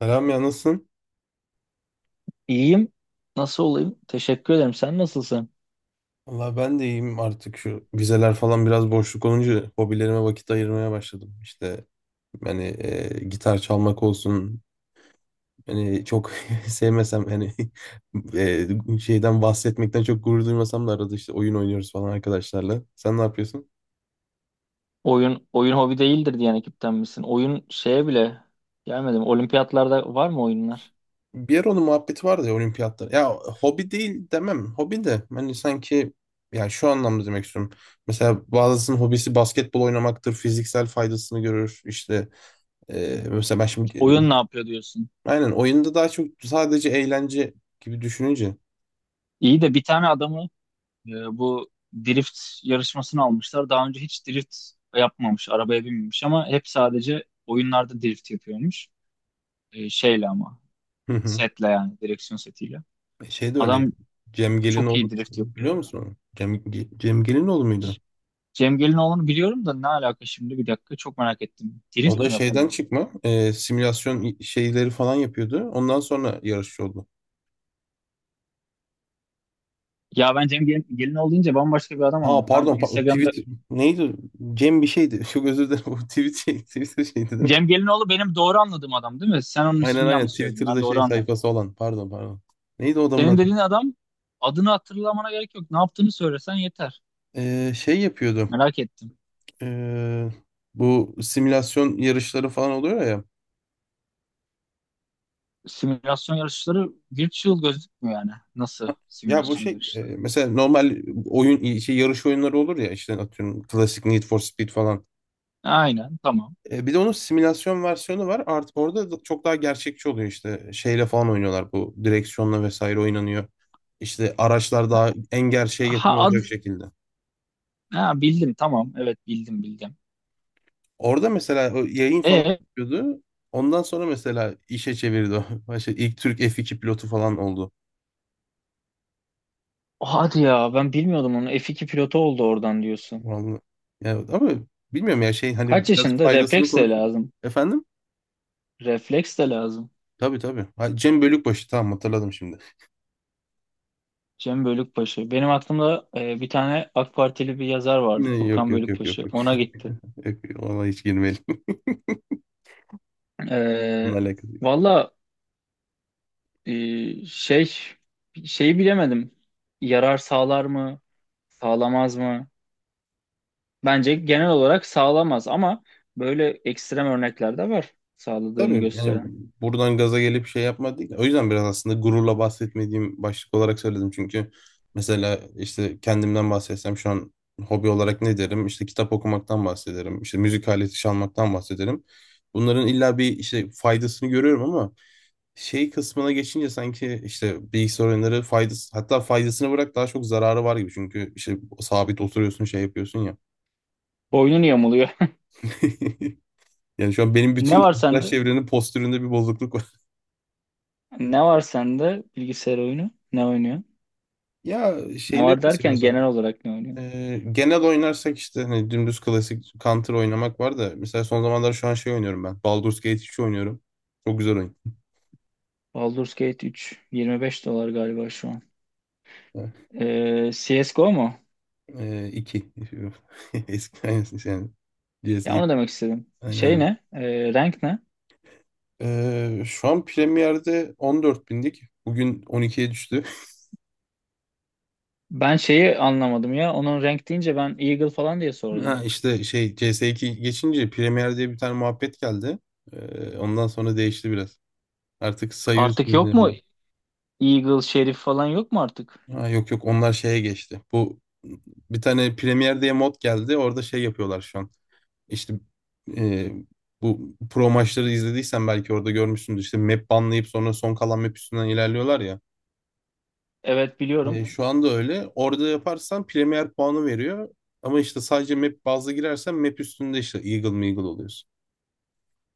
Selam ya, nasılsın? İyiyim. Nasıl olayım? Teşekkür ederim. Sen nasılsın? Valla ben de iyiyim, artık şu vizeler falan biraz boşluk olunca hobilerime vakit ayırmaya başladım. İşte yani gitar çalmak olsun. Yani çok sevmesem hani şeyden bahsetmekten çok gurur duymasam da arada işte oyun oynuyoruz falan arkadaşlarla. Sen ne yapıyorsun? Oyun hobi değildir diyen ekipten misin? Oyun şeye bile gelmedim. Olimpiyatlarda var mı oyunlar? Bir ara onun muhabbeti vardı ya, olimpiyatlar. Ya hobi değil demem, hobi de hani sanki yani şu anlamda demek istiyorum. Mesela bazısının hobisi basketbol oynamaktır, fiziksel faydasını görür. İşte mesela ben şimdi Oyun ne yapıyor diyorsun? aynen oyunda daha çok sadece eğlence gibi düşününce. İyi de bir tane adamı bu drift yarışmasını almışlar. Daha önce hiç drift yapmamış, arabaya binmemiş ama hep sadece oyunlarda drift yapıyormuş. Şeyle ama Hı hı. setle, yani direksiyon setiyle. Şey de öyle. Adam Cem çok iyi Gelinoğlu, drift biliyor yapıyor. musun onu? Cem, Cem Gelinoğlu muydu? Cem Gelinoğlu'nu biliyorum da ne alaka şimdi, bir dakika, çok merak ettim. O Drift da mi şeyden yapıyor? çıkma simülasyon şeyleri falan yapıyordu. Ondan sonra yarışçı oldu. Ya ben Cem Gelinoğlu deyince bambaşka bir adam Ha anladım. Ben pardon, o Instagram'da tweet neydi? Cem bir şeydi. Çok özür dilerim. O tweet şey, Twitter şeydi değil mi? Cem Gelinoğlu benim doğru anladığım adam değil mi? Sen onun Aynen ismini aynen, yanlış söyledin. Ben Twitter'da doğru şey anladım. sayfası olan. Pardon pardon. Neydi o adamın Senin adı? dediğin adam, adını hatırlamana gerek yok. Ne yaptığını söylesen yeter. Şey yapıyordu. Merak ettim. Ee, bu simülasyon yarışları falan oluyor ya. Simülasyon yarışları virtual gözükmüyor yani. Nasıl Ya bu simülasyon şey yarışları? mesela normal oyun şey yarış oyunları olur ya, işte atıyorum klasik Need for Speed falan. Aynen, tamam. E, bir de onun simülasyon versiyonu var. Artık orada da çok daha gerçekçi oluyor, işte şeyle falan oynuyorlar, bu direksiyonla vesaire oynanıyor. İşte araçlar daha en gerçeğe Ha, yakın olacak şekilde. ha, bildim, tamam. Evet, bildim bildim. Orada mesela o yayın falan E yapıyordu. Ondan sonra mesela işe çevirdi o. İşte ilk Türk F2 pilotu falan oldu. hadi ya, ben bilmiyordum onu. F2 pilotu oldu oradan diyorsun. Vallahi. Ya, ama bilmiyorum ya şey, hani Kaç biraz yaşında? faydasını Refleks de konuştuk. lazım. Efendim? Refleks de lazım. Tabii tabii. Ha, Cem Bölükbaşı, tamam hatırladım şimdi. Cem Bölükbaşı. Benim aklımda bir tane AK Partili bir yazar vardı, Ne, yok Furkan yok yok yok Bölükbaşı. yok. Ona gitti. Yok, ona hiç girmeyelim. E, Bununla alakası yok. valla e, şey şeyi bilemedim. Yarar sağlar mı? Sağlamaz mı? Bence genel olarak sağlamaz ama böyle ekstrem örnekler de var, sağladığını Tabii yani gösteren. buradan gaza gelip şey yapmadık. O yüzden biraz aslında gururla bahsetmediğim başlık olarak söyledim. Çünkü mesela işte kendimden bahsetsem şu an hobi olarak ne derim? İşte kitap okumaktan bahsederim. İşte müzik aleti çalmaktan bahsederim. Bunların illa bir işte faydasını görüyorum ama şey kısmına geçince sanki işte bilgisayar oyunları faydası, hatta faydasını bırak, daha çok zararı var gibi. Çünkü işte sabit oturuyorsun, şey yapıyorsun ya. Boynun yamuluyor. Yani şu an benim Ne bütün var arkadaş sende? çevrenin postüründe bir bozukluk var. Ne var sende bilgisayar oyunu? Ne oynuyor? Ya Ne şeyleri var de derken seviyorum. genel olarak ne oynuyor? Mesela genel oynarsak işte hani dümdüz klasik Counter oynamak var da, mesela son zamanlar şu an şey oynuyorum ben. Baldur's Gate 3 oynuyorum. Çok güzel oyun. Baldur's Gate 3 25 dolar galiba şu an. Evet. CSGO mu? 2. Eski aynısı yani. CS Ya 2. onu demek istedim. Aynen Şey öyle. ne? Rank ne? Şu an Premier'de 14 bindik. Bugün 12'ye düştü. Ben şeyi anlamadım ya. Onun rank deyince ben Eagle falan diye Ha, sordum. işte şey CS2 geçince Premier diye bir tane muhabbet geldi. Ondan sonra değişti biraz. Artık sayı Artık üstünde yok mu değil. Eagle, Şerif falan yok mu artık? Ha, yok yok, onlar şeye geçti. Bu bir tane Premier diye mod geldi. Orada şey yapıyorlar şu an. İşte e, bu pro maçları izlediysen belki orada görmüşsündür. İşte map banlayıp sonra son kalan map üstünden ilerliyorlar ya. Evet, biliyorum. E, şu anda öyle. Orada yaparsan Premier puanı veriyor. Ama işte sadece map bazlı girersen map üstünde işte Eagle Meagle oluyorsun.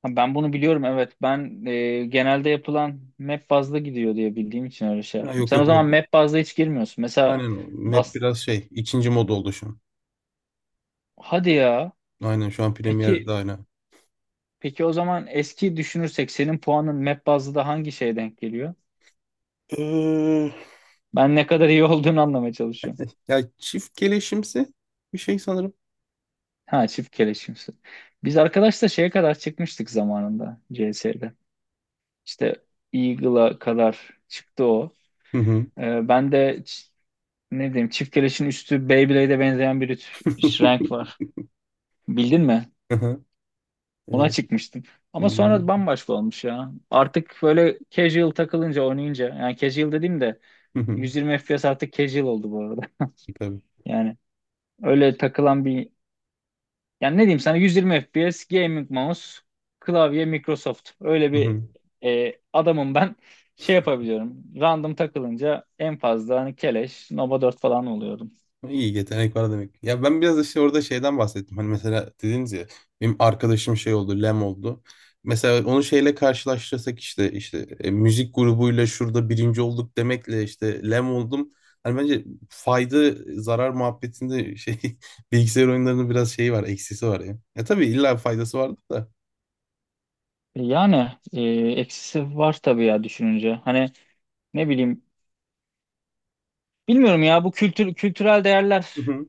Ha, ben bunu biliyorum, evet. Ben genelde yapılan map bazlı gidiyor diye bildiğim için öyle şey Ha, yaptım. yok Sen o yok o. zaman map bazlı hiç girmiyorsun. Mesela Aynen o. Map Dust. biraz şey, ikinci mod oldu şu an. Hadi ya. Aynen şu an Peki Premier'de aynen. peki, o zaman eski düşünürsek senin puanın map bazlı da hangi şeye denk geliyor? Ee, Ben ne kadar iyi olduğunu anlamaya çalışıyorum. ya çift keleşimsi bir şey sanırım. Ha, çift keleşimsi. Biz arkadaşla şeye kadar çıkmıştık zamanında CS'de. İşte Eagle'a kadar çıktı o. Hı hı. Ben de ç- ne diyeyim, çift keleşin üstü Beyblade'e benzeyen bir renk var. Bildin mi? Hı hı. Ee, Ona çıkmıştım. Ama lem. sonra bambaşka olmuş ya. Artık böyle casual takılınca, oynayınca, yani casual dediğim de Hı hı. 120 FPS artık casual oldu bu arada. Tabii. Yani öyle takılan bir Yani ne diyeyim sana, 120 FPS gaming mouse, klavye, Microsoft. Öyle Hı bir hı. Adamım ben. Şey yapabiliyorum. Random takılınca en fazla hani keleş Nova 4 falan oluyordum. İyi yetenek var demek. Ya ben biraz işte orada şeyden bahsettim. Hani mesela dediniz ya, benim arkadaşım şey oldu, Lem oldu. Mesela onu şeyle karşılaştırsak işte müzik grubuyla şurada birinci olduk demekle işte Lem oldum. Hani bence fayda zarar muhabbetinde şey bilgisayar oyunlarının biraz şeyi var, eksisi var ya. Ya tabii illa faydası vardır da. Yani, eksisi var tabii ya, düşününce. Hani ne bileyim, bilmiyorum ya, bu kültürel değerler Hı hı.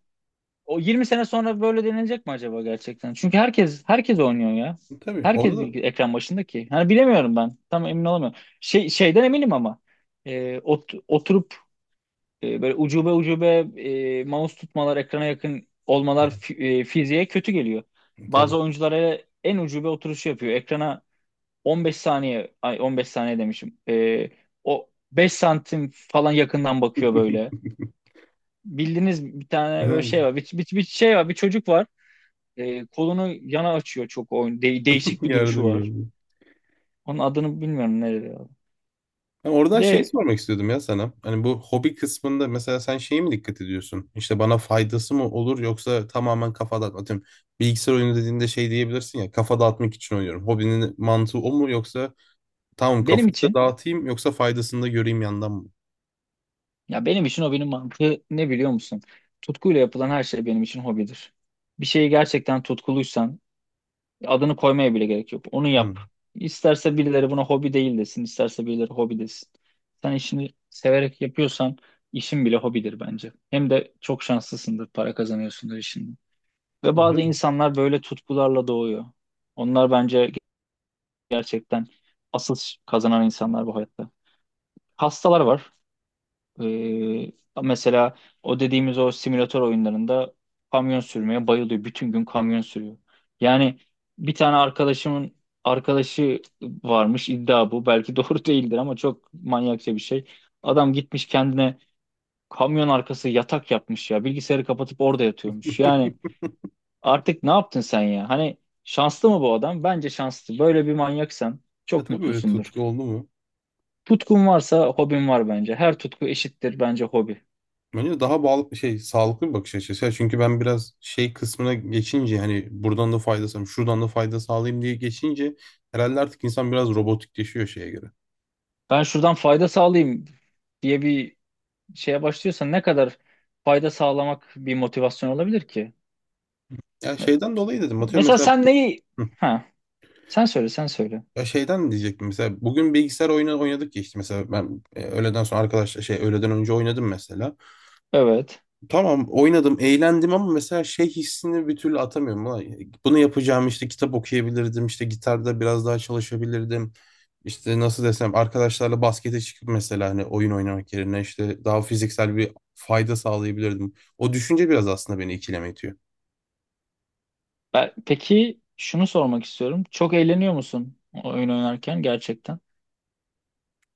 o 20 sene sonra böyle denilecek mi acaba gerçekten? Çünkü herkes oynuyor ya. Tabii Herkes orada bir ekran başında ki. Hani bilemiyorum ben. Tam emin olamıyorum. Şeyden eminim ama. Oturup böyle ucube ucube mouse tutmalar, ekrana yakın olmalar, fiziğe kötü geliyor. Tabii. Bazı oyunculara en ucube oturuşu yapıyor. Ekrana 15 saniye, ay, 15 saniye demişim. O 5 santim falan yakından bakıyor böyle. Bildiğiniz bir tane böyle şey var. Bir şey var, bir çocuk var. Kolunu yana açıyor çok oyun. Değişik bir duruşu Yardım var. gördüm. Onun adını bilmiyorum nerede ya. Yani Bir oradan şeyi de sormak istiyordum ya sana. Hani bu hobi kısmında mesela sen şeye mi dikkat ediyorsun? İşte bana faydası mı olur, yoksa tamamen kafa dağıtmak? Atıyorum, bilgisayar oyunu dediğinde şey diyebilirsin ya, kafa dağıtmak için oynuyorum. Hobinin mantığı o mu, yoksa tamam benim kafayı da için dağıtayım yoksa faydasını da göreyim yandan mı? Ya, benim için hobinin mantığı ne, biliyor musun? Tutkuyla yapılan her şey benim için hobidir. Bir şeyi gerçekten tutkuluysan adını koymaya bile gerek yok. Onu Hı. yap. İsterse birileri buna hobi değil desin, isterse birileri hobi desin. Sen işini severek yapıyorsan işin bile hobidir bence. Hem de çok şanslısındır, para kazanıyorsundur işinden. Ve Öyle. bazı insanlar böyle tutkularla doğuyor. Onlar bence gerçekten asıl kazanan insanlar bu hayatta. Hastalar var. Ee, mesela o dediğimiz o simülatör oyunlarında kamyon sürmeye bayılıyor. Bütün gün kamyon sürüyor. Yani bir tane arkadaşımın arkadaşı varmış, iddia bu. Belki doğru değildir ama çok manyakça bir şey. Adam gitmiş kendine kamyon arkası yatak yapmış ya. Bilgisayarı kapatıp orada yatıyormuş. Yani artık ne yaptın sen ya? Hani şanslı mı bu adam? Bence şanslı. Böyle bir manyaksan Ya çok tabii öyle tutku mutlusundur. oldu mu? Tutkun varsa hobin var bence. Her tutku eşittir bence hobi. Bence daha bağlı şey, sağlıklı bir bakış açısı. Ya çünkü ben biraz şey kısmına geçince hani buradan da fayda sağlayayım, şuradan da fayda sağlayayım diye geçince herhalde artık insan biraz robotikleşiyor şeye göre. Ben şuradan fayda sağlayayım diye bir şeye başlıyorsan ne kadar fayda sağlamak bir motivasyon olabilir ki? Ya Me- şeyden dolayı dedim. Atıyorum Mesela mesela. sen neyi... Hı. Ha, sen söyle, sen söyle. Ya şeyden diyecektim. Mesela bugün bilgisayar oyunu oynadık ya, işte mesela ben öğleden sonra arkadaşlar şey öğleden önce oynadım mesela. Evet. Tamam oynadım, eğlendim ama mesela şey hissini bir türlü atamıyorum. Ulan bunu yapacağım işte, kitap okuyabilirdim, işte gitarda biraz daha çalışabilirdim. İşte nasıl desem, arkadaşlarla baskete çıkıp mesela, hani oyun oynamak yerine işte daha fiziksel bir fayda sağlayabilirdim. O düşünce biraz aslında beni ikileme itiyor. Peki şunu sormak istiyorum. Çok eğleniyor musun o oyun oynarken gerçekten?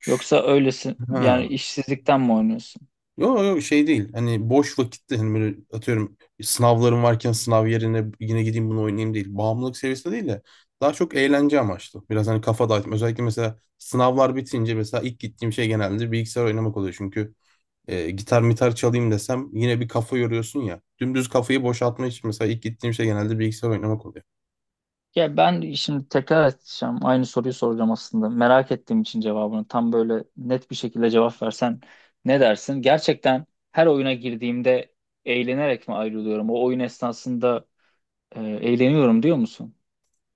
Yoksa öylesin, yani Ha. işsizlikten mi oynuyorsun? Yok yok şey değil. Hani boş vakitte hani böyle atıyorum, sınavlarım varken sınav yerine yine gideyim bunu oynayayım değil. Bağımlılık seviyesinde değil de daha çok eğlence amaçlı. Biraz hani kafa dağıtma. Özellikle mesela sınavlar bitince mesela ilk gittiğim şey genelde bilgisayar oynamak oluyor. Çünkü gitar mitar çalayım desem yine bir kafa yoruyorsun ya. Dümdüz kafayı boşaltma için mesela ilk gittiğim şey genelde bilgisayar oynamak oluyor. Ya ben şimdi tekrar edeceğim. Aynı soruyu soracağım aslında. Merak ettiğim için cevabını tam böyle net bir şekilde cevap versen ne dersin? Gerçekten, her oyuna girdiğimde eğlenerek mi ayrılıyorum? O oyun esnasında eğleniyorum diyor musun?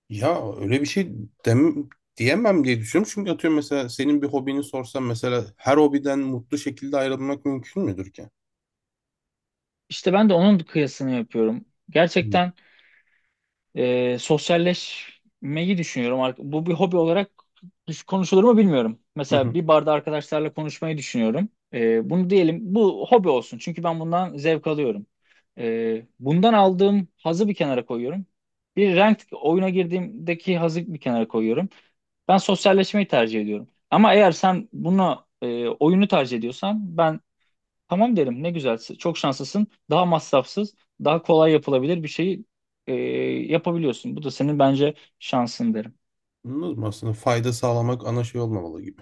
Ya öyle bir şey dem diyemem diye düşünüyorum. Çünkü atıyorum mesela senin bir hobini sorsam, mesela her hobiden mutlu şekilde ayrılmak mümkün müdür ki? İşte ben de onun kıyasını yapıyorum. Gerçekten, sosyalleşmeyi düşünüyorum. Bu bir hobi olarak konuşulur mu bilmiyorum. Hı Mesela hı. bir barda arkadaşlarla konuşmayı düşünüyorum. Bunu diyelim, bu hobi olsun. Çünkü ben bundan zevk alıyorum. Bundan aldığım hazı bir kenara koyuyorum. Bir ranked oyuna girdiğimdeki hazı bir kenara koyuyorum. Ben sosyalleşmeyi tercih ediyorum. Ama eğer sen bunu oyunu tercih ediyorsan ben tamam derim, ne güzel, çok şanslısın, daha masrafsız, daha kolay yapılabilir bir şeyi e, yapabiliyorsun. Bu da senin bence şansın derim. Anladım. Aslında fayda sağlamak ana şey olmamalı gibi.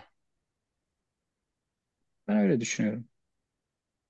Ben öyle düşünüyorum.